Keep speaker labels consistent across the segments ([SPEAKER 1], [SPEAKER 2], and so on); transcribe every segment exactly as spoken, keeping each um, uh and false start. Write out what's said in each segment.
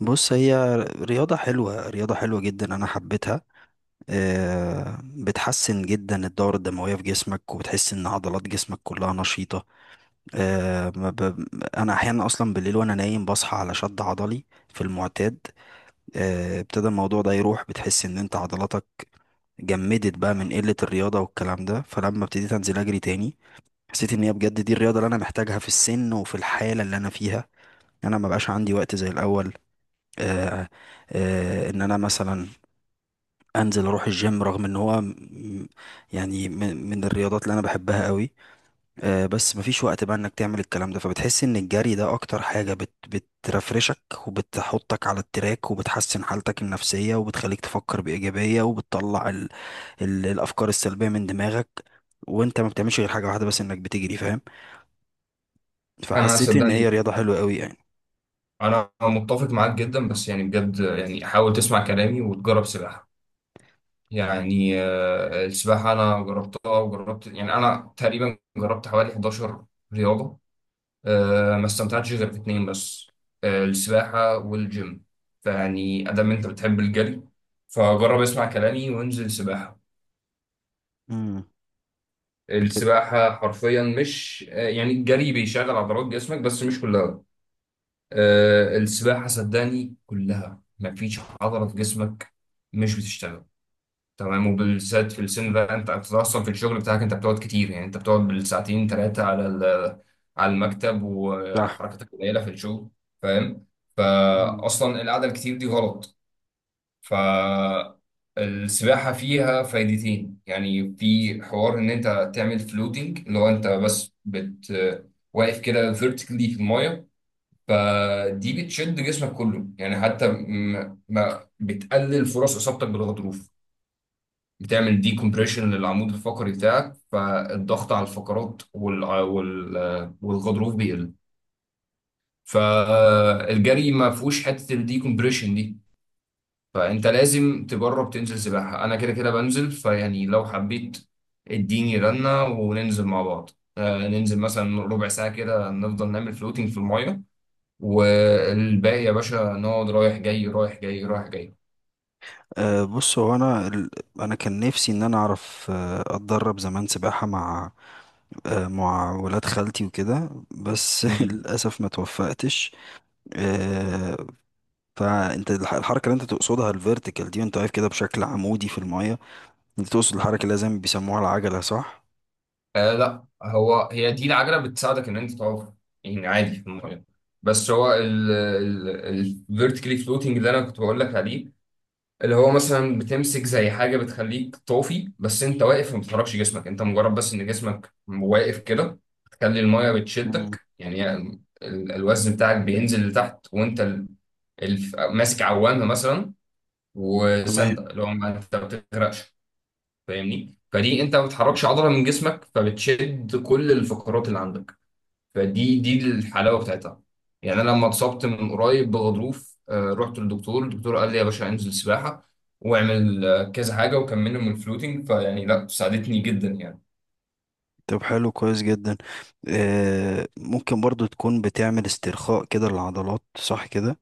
[SPEAKER 1] بص هي رياضة حلوة رياضة حلوة جدا، أنا حبيتها. آه، بتحسن جدا الدورة الدموية في جسمك وبتحس إن عضلات جسمك كلها نشيطة. آه، ما ب- أنا أحيانا أصلا بالليل وأنا نايم بصحى على شد عضلي في المعتاد. آه، ابتدى الموضوع ده يروح، بتحس إن أنت عضلاتك جمدت بقى من قلة الرياضة والكلام ده، فلما ابتديت أنزل أجري تاني حسيت إن هي بجد دي الرياضة اللي أنا محتاجها في السن وفي الحالة اللي أنا فيها. أنا ما بقاش عندي وقت زي الأول. آه، آه، ان انا مثلا انزل اروح الجيم، رغم ان هو م- يعني من من الرياضات اللي انا بحبها قوي. آه، بس مفيش وقت بقى انك تعمل الكلام ده، فبتحس ان الجري ده اكتر حاجة بت بترفرشك وبتحطك على التراك، وبتحسن حالتك النفسية وبتخليك تفكر بإيجابية، وبتطلع ال ال الافكار السلبية من دماغك، وانت ما بتعملش غير حاجة واحدة بس، انك بتجري، فاهم؟
[SPEAKER 2] انا
[SPEAKER 1] فحسيت ان هي
[SPEAKER 2] صدقني،
[SPEAKER 1] رياضة حلوة قوي يعني.
[SPEAKER 2] انا متفق معاك جدا. بس يعني بجد يعني حاول تسمع كلامي وتجرب سباحه. يعني آه، السباحه انا جربتها وجربت، يعني انا تقريبا جربت حوالي حداشر رياضه. آه، ما استمتعتش غير في اتنين بس، آه، السباحه والجيم. فيعني ادام انت بتحب الجري فجرب اسمع كلامي وانزل سباحه.
[SPEAKER 1] امم.
[SPEAKER 2] السباحه حرفيا مش، آه، يعني الجري بيشغل عضلات جسمك بس مش كلها. آه، السباحة صدقني كلها مفيش عضلة في جسمك مش بتشتغل. تمام. وبالذات في السن ده انت، أنت اصلا في الشغل بتاعك انت بتقعد كتير، يعني انت بتقعد بالساعتين ثلاثة على ال- على المكتب
[SPEAKER 1] صح.
[SPEAKER 2] وحركتك قليلة في الشغل، فاهم؟
[SPEAKER 1] مم.
[SPEAKER 2] فاصلا القعدة الكتير دي غلط. فالسباحة فيها فايدتين، يعني في حوار ان انت تعمل فلوتنج، اللي هو انت بس بت واقف كده فيرتيكلي في المايه، فدي بتشد جسمك كله. يعني حتى م- ما بتقلل فرص اصابتك بالغضروف، بتعمل دي كومبريشن للعمود الفقري بتاعك، فالضغط على الفقرات وال... وال... والغضروف بيقل. فالجري ما فيهوش حته الدي كومبريشن دي، فانت لازم تجرب تنزل سباحه. انا كده كده بنزل، فيعني لو حبيت اديني رنه وننزل مع بعض. آه، ننزل مثلا ربع ساعه كده، نفضل نعمل فلوتينج في المايه، والباقي يا باشا نقعد رايح جاي رايح جاي رايح جاي.
[SPEAKER 1] أه، بص هو انا ال- انا كان نفسي ان انا اعرف، آه، اتدرب زمان سباحه مع، آه، مع ولاد خالتي وكده، بس
[SPEAKER 2] مم.
[SPEAKER 1] للاسف ما توفقتش. أه. فانت الح- الحركه اللي انت تقصدها، الفيرتيكال دي، وانت واقف كده بشكل عمودي في المايه، انت تقصد الحركه اللي لازم بيسموها العجله، صح؟
[SPEAKER 2] آه لا، هو هي دي العجلة بتساعدك ان انت تقف يعني عادي في المية. بس هو الفيرتيكالي فلوتنج اللي انا كنت بقول لك عليه، اللي هو مثلا بتمسك زي حاجة بتخليك طافي، بس انت واقف وما بتحركش جسمك، انت مجرد بس ان جسمك واقف كده تخلي المية
[SPEAKER 1] مم.
[SPEAKER 2] بتشدك يعني. ال- الوزن بتاعك بينزل لتحت، وانت ال- الف- ماسك عوامة مثلا
[SPEAKER 1] تمام.
[SPEAKER 2] وسندة، اللي هو ما انت ما بتغرقش، فاهمني؟ فدي انت ما بتحركش عضله من جسمك، فبتشد كل الفقرات اللي عندك، فدي دي الحلاوه بتاعتها. يعني انا لما اتصبت من قريب بغضروف آه، رحت للدكتور، الدكتور قال لي يا باشا انزل سباحه واعمل آه، كذا حاجه، وكملنا من الفلوتنج فيعني لا ساعدتني جدا يعني.
[SPEAKER 1] طب حلو، كويس جدا. آه، ممكن برضو تكون بتعمل استرخاء كده للعضلات، صح كده؟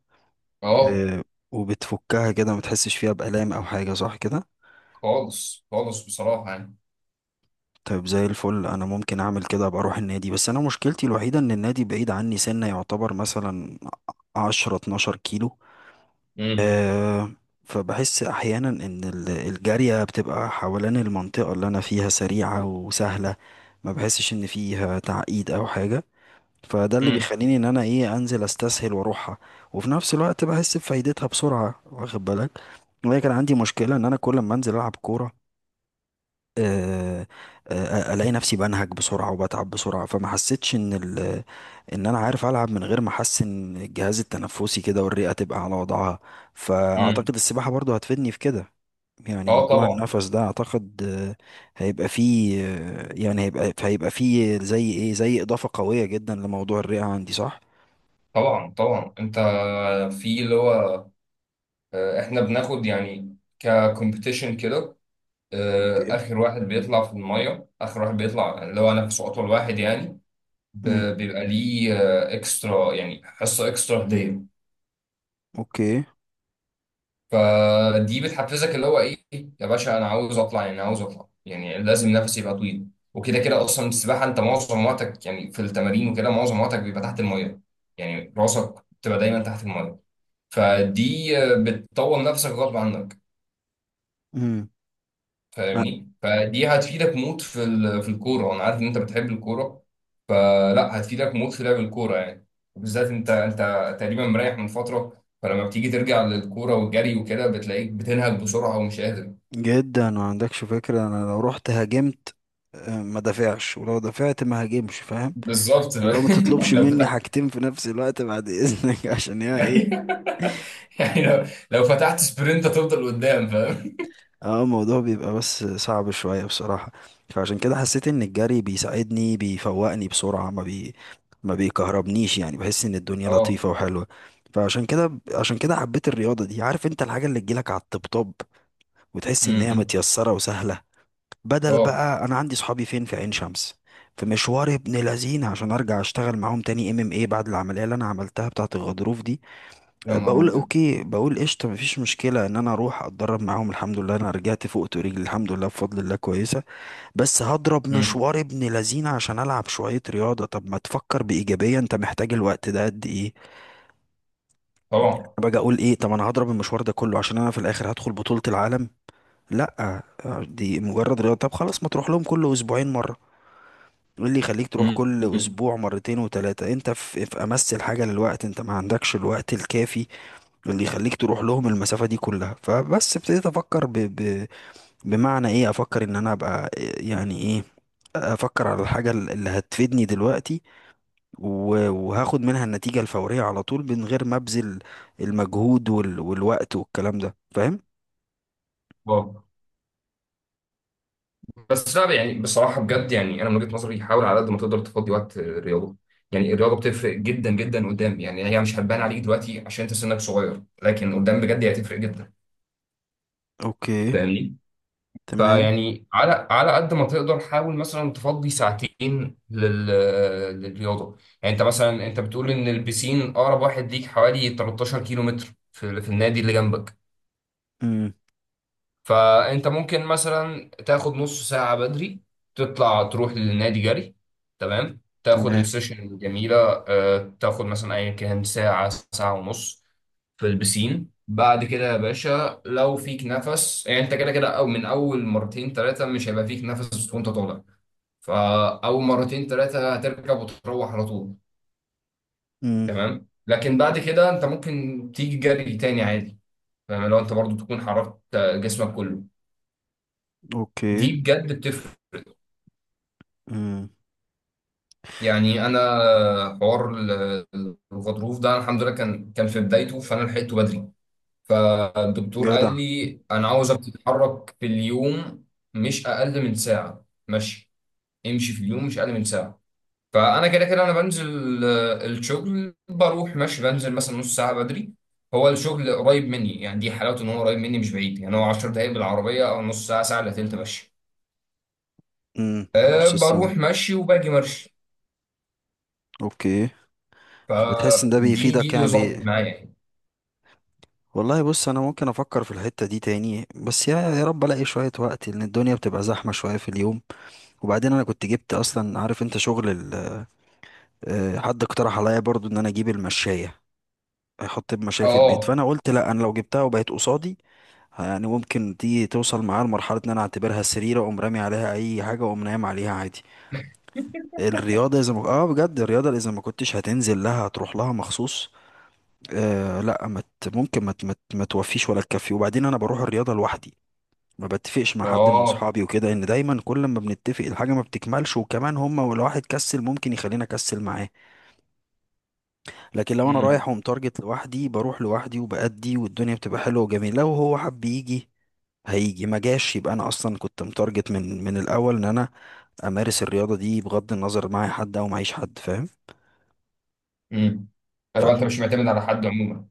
[SPEAKER 2] اه،
[SPEAKER 1] آه. وبتفكها كده ما تحسش فيها بآلام او حاجة، صح كده؟
[SPEAKER 2] خالص خالص بصراحه يعني.
[SPEAKER 1] طيب زي الفل. انا ممكن اعمل كده، ابقى اروح النادي، بس انا مشكلتي الوحيده ان النادي بعيد عني سنه، يعتبر مثلا عشرة اتناشر كيلو.
[SPEAKER 2] امم
[SPEAKER 1] أه. فبحس احيانا ان ال- الجاريه بتبقى حوالين المنطقه اللي انا فيها سريعه وسهله، ما بحسش ان فيها تعقيد او حاجه، فده اللي
[SPEAKER 2] امم
[SPEAKER 1] بيخليني ان انا ايه، انزل استسهل واروحها. وفي نفس الوقت بحس بفايدتها بسرعه، واخد بالك؟ وهي كان عندي مشكله ان انا كل ما انزل العب كوره، آه، آه، آه، الاقي نفسي بنهج بسرعه وبتعب بسرعه، فما حسيتش ان ال... ان انا عارف العب من غير ما احس ان الجهاز التنفسي كده والرئه تبقى على وضعها.
[SPEAKER 2] امم.
[SPEAKER 1] فاعتقد السباحه برضو هتفيدني في كده. يعني
[SPEAKER 2] اه
[SPEAKER 1] موضوع
[SPEAKER 2] طبعا.
[SPEAKER 1] النفس ده اعتقد، آه، هيبقى فيه، آه، يعني هيبقى هيبقى فيه زي ايه، زي اضافه قويه جدا لموضوع الرئه عندي، صح؟
[SPEAKER 2] طبعا طبعا انت، في اللي هو، آه، احنا بناخد يعني ككومبيتيشن كده. آه،
[SPEAKER 1] اوكي.
[SPEAKER 2] اخر واحد بيطلع في الميه، اخر واحد بيطلع، اللي هو نفسه اطول واحد يعني. ب-
[SPEAKER 1] امم.
[SPEAKER 2] بيبقى ليه اكسترا، يعني حصه اكسترا هديه.
[SPEAKER 1] اوكي.
[SPEAKER 2] فدي بتحفزك اللي هو ايه. يا باشا انا عاوز اطلع، يعني عاوز اطلع، يعني لازم نفسي يبقى طويل. وكده كده اصلا السباحه انت معظم وقتك يعني في التمارين، وكده معظم وقتك بيبقى تحت الميه، يعني راسك بتبقى دايما تحت الميه. فدي آه، بتطور نفسك غصب عنك،
[SPEAKER 1] امم.
[SPEAKER 2] فاهمني؟ فدي هتفيدك موت في ال- في الكوره. انا عارف ان انت بتحب الكوره، فلا هتفيدك موت في لعب الكوره يعني. وبالذات انت، انت تقريبا مريح من فتره، فلما بتيجي ترجع للكوره والجري وكده بتلاقيك بتنهج بسرعه ومش قادر.
[SPEAKER 1] جدا، ما عندكش فكرة، انا لو رحت هاجمت، آه، ما دافعش، ولو دافعت ما هاجمش، فاهم؟
[SPEAKER 2] بالظبط.
[SPEAKER 1] اللي هو ما تطلبش
[SPEAKER 2] لو
[SPEAKER 1] مني
[SPEAKER 2] فتحت.
[SPEAKER 1] حاجتين في نفس الوقت بعد اذنك عشان هي ايه.
[SPEAKER 2] يعني لو لو فتحت سبرنت هتفضل قدام، فاهم؟
[SPEAKER 1] اه، الموضوع بيبقى بس صعب شوية بصراحة. فعشان كده حسيت ان الجري بيساعدني، بيفوقني بسرعة، ما بي ما بيكهربنيش، يعني بحس ان الدنيا
[SPEAKER 2] اه.
[SPEAKER 1] لطيفة وحلوة. فعشان كده عشان كده حبيت الرياضة دي. عارف انت الحاجة اللي تجيلك على الطبطب وتحس ان هي
[SPEAKER 2] أمم.
[SPEAKER 1] متيسرة وسهلة. بدل
[SPEAKER 2] اه.
[SPEAKER 1] بقى انا عندي صحابي فين في عين شمس، في مشوار ابن لذين، عشان ارجع اشتغل معاهم تاني، ام ام ايه، بعد العمليه اللي انا عملتها بتاعه الغضروف دي.
[SPEAKER 2] يا
[SPEAKER 1] أه،
[SPEAKER 2] نهار
[SPEAKER 1] بقول
[SPEAKER 2] ابيض.
[SPEAKER 1] اوكي، بقول قشطه، مفيش مشكله ان انا اروح اتدرب معاهم، الحمد لله انا رجعت فوقت ورجلي الحمد لله بفضل الله كويسه، بس هضرب
[SPEAKER 2] أمم.
[SPEAKER 1] مشوار ابن لذين عشان العب شويه رياضه. طب ما تفكر بايجابيه، انت محتاج الوقت ده قد ايه؟ أنا
[SPEAKER 2] طبعا.
[SPEAKER 1] باجي اقول ايه، طب انا هضرب المشوار ده كله عشان انا في الاخر هدخل بطوله العالم؟ لا، أه، دي مجرد رياضه. طب خلاص، ما تروح لهم كل اسبوعين مره، ايه اللي يخليك تروح كل
[SPEAKER 2] أمم.
[SPEAKER 1] اسبوع مرتين وتلاتة؟ انت في, في امس الحاجة للوقت، انت ما عندكش الوقت الكافي اللي يخليك تروح لهم المسافة دي كلها. فبس ابتديت افكر ب... ب... بمعنى ايه، افكر ان انا ابقى، يعني ايه، افكر على الحاجة اللي هتفيدني دلوقتي و- وهاخد منها النتيجة الفورية على طول، من غير ما ابذل المجهود وال... والوقت والكلام ده، فاهم؟
[SPEAKER 2] واو. بس لا، يعني بصراحة بجد، يعني أنا من وجهة نظري حاول على قد ما تقدر تفضي وقت الرياضة. يعني الرياضة بتفرق جدا جدا قدام، يعني هي مش هتبان عليك دلوقتي عشان أنت سنك صغير، لكن قدام بجد هي هتفرق جدا.
[SPEAKER 1] اوكي.
[SPEAKER 2] فاهمني؟
[SPEAKER 1] تمام.
[SPEAKER 2] فيعني على على قد ما تقدر حاول مثلا تفضي ساعتين لل... للرياضة. يعني أنت مثلا، أنت بتقول إن البسين أقرب واحد ليك حوالي تلتاشر كيلو متر في... في النادي اللي جنبك.
[SPEAKER 1] امم.
[SPEAKER 2] فانت ممكن مثلا تاخد نص ساعة بدري، تطلع تروح للنادي جري. تمام، تاخد
[SPEAKER 1] تمام.
[SPEAKER 2] السيشن الجميلة. آه، تاخد مثلا ايا كان ساعة، ساعة ونص في البسين. بعد كده يا باشا لو فيك نفس. يعني انت كده كده، او من اول مرتين ثلاثة مش هيبقى فيك نفس وانت طالع، فاول مرتين ثلاثة هتركب وتروح على طول.
[SPEAKER 1] امم.
[SPEAKER 2] تمام. لكن بعد كده انت ممكن تيجي جري تاني عادي، فاهم؟ لو انت برضو تكون حركت جسمك كله،
[SPEAKER 1] اوكي.
[SPEAKER 2] دي بجد بتفرق.
[SPEAKER 1] امم.
[SPEAKER 2] يعني انا حوار ال- الغضروف ده، الحمد لله كان كان في بدايته، فانا لحقته بدري. فالدكتور قال
[SPEAKER 1] جدع.
[SPEAKER 2] لي انا عاوزك تتحرك في اليوم مش اقل من ساعه مشي، امشي في اليوم مش اقل من ساعه. فانا كده كده انا بنزل آه، الشغل، بروح ماشي، بنزل مثلا نص ساعه بدري. هو الشغل قريب مني، يعني دي حلاوته ان هو قريب مني مش بعيد. يعني هو عشر دقايق بالعربيه، او نص ساعه، ساعه الا تلت مشي.
[SPEAKER 1] امم.
[SPEAKER 2] أه
[SPEAKER 1] نص السنة.
[SPEAKER 2] بروح مشي وباجي مشي.
[SPEAKER 1] اوكي. فبتحس ان ده
[SPEAKER 2] فدي دي
[SPEAKER 1] بيفيدك،
[SPEAKER 2] اللي
[SPEAKER 1] يعني
[SPEAKER 2] ظبطت
[SPEAKER 1] بي...
[SPEAKER 2] معايا.
[SPEAKER 1] والله بص، انا ممكن افكر في الحتة دي تاني، بس يا يا رب الاقي شوية وقت، لان الدنيا بتبقى زحمة شوية في اليوم. وبعدين انا كنت جبت اصلا، عارف انت شغل ال... آه، حد اقترح عليا برضو ان انا اجيب المشاية، احط المشاية في البيت،
[SPEAKER 2] اه.
[SPEAKER 1] فانا قلت لا، انا لو جبتها وبقت قصادي، يعني ممكن دي توصل معايا لمرحلة ان انا اعتبرها سرير، اقوم رامي عليها اي حاجة واقوم نايم عليها عادي. الرياضة اذا ما، اه بجد الرياضة اذا ما كنتش هتنزل لها هتروح لها مخصوص. آه لا، ما ت- ممكن ما ت- ما ت- ما توفيش ولا تكفي. وبعدين انا بروح الرياضه لوحدي، ما بتفقش مع حد من
[SPEAKER 2] اه.
[SPEAKER 1] اصحابي وكده، ان دايما كل ما بنتفق الحاجه ما بتكملش، وكمان هما ولو واحد كسل ممكن يخلينا اكسل معاه. لكن لو انا
[SPEAKER 2] امم.
[SPEAKER 1] رايح ومتارجت لوحدي، بروح لوحدي وبأدي والدنيا بتبقى حلوه وجميله. لو هو حب يجي هيجي، ما جاش يبقى انا اصلا كنت متارجت من من الاول ان انا امارس الرياضه دي بغض النظر معايا حد او معيش حد، فاهم؟
[SPEAKER 2] امم.
[SPEAKER 1] ف،
[SPEAKER 2] فلو انت مش معتمد على حد عموما،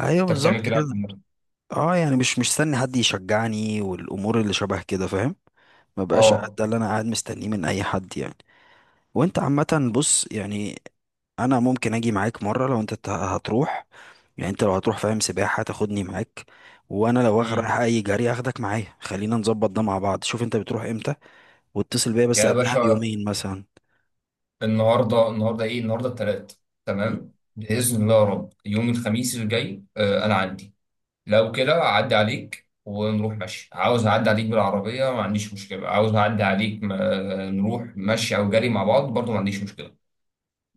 [SPEAKER 1] ايوه
[SPEAKER 2] انت بتعمل
[SPEAKER 1] بالظبط
[SPEAKER 2] كده
[SPEAKER 1] كده.
[SPEAKER 2] عشان نفسك.
[SPEAKER 1] اه، يعني مش مش مستني حد يشجعني والامور اللي شبه كده، فاهم؟ ما بقاش قاعد-
[SPEAKER 2] اه.
[SPEAKER 1] ده اللي انا قاعد مستنيه من اي حد يعني. وانت عامه. بص يعني، انا ممكن اجي معاك مره لو انت ت- هتروح، يعني انت لو هتروح، فاهم، سباحه تاخدني معاك، وانا لو واخ- رايح
[SPEAKER 2] امم.
[SPEAKER 1] اي جري اخدك معايا. خلينا نظبط ده مع بعض، شوف انت بتروح امتى واتصل بيا بس
[SPEAKER 2] يا
[SPEAKER 1] قبلها
[SPEAKER 2] باشا،
[SPEAKER 1] بيومين مثلا.
[SPEAKER 2] النهارده النهارده ايه، النهارده الثلاث.
[SPEAKER 1] مم.
[SPEAKER 2] تمام، باذن الله يا رب يوم الخميس الجاي. آه انا عندي. لو كده اعدي عليك ونروح مشي. عاوز اعدي عليك بالعربيه ما عنديش مشكله، عاوز اعدي عليك ما نروح مشي او جري مع بعض برضو ما عنديش مشكله.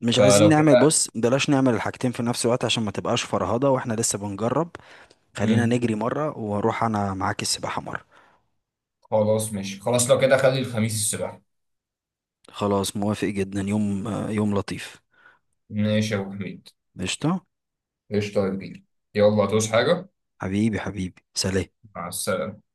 [SPEAKER 1] مش عايزين
[SPEAKER 2] فلو
[SPEAKER 1] نعمل،
[SPEAKER 2] كده.
[SPEAKER 1] بص بلاش نعمل الحاجتين في نفس الوقت عشان ما تبقاش فرهضه واحنا لسه بنجرب. خلينا
[SPEAKER 2] امم.
[SPEAKER 1] نجري مره واروح انا معاك السباحه مره.
[SPEAKER 2] خلاص ماشي. خلاص لو كده خلي الخميس الصبح.
[SPEAKER 1] خلاص موافق جدا، يوم يوم لطيف.
[SPEAKER 2] ماشي يا ابو حميد.
[SPEAKER 1] قشطة.
[SPEAKER 2] قشطة يا كبير. يلا، هتعوز حاجة؟
[SPEAKER 1] حبيبي حبيبي سلام.
[SPEAKER 2] مع السلامة.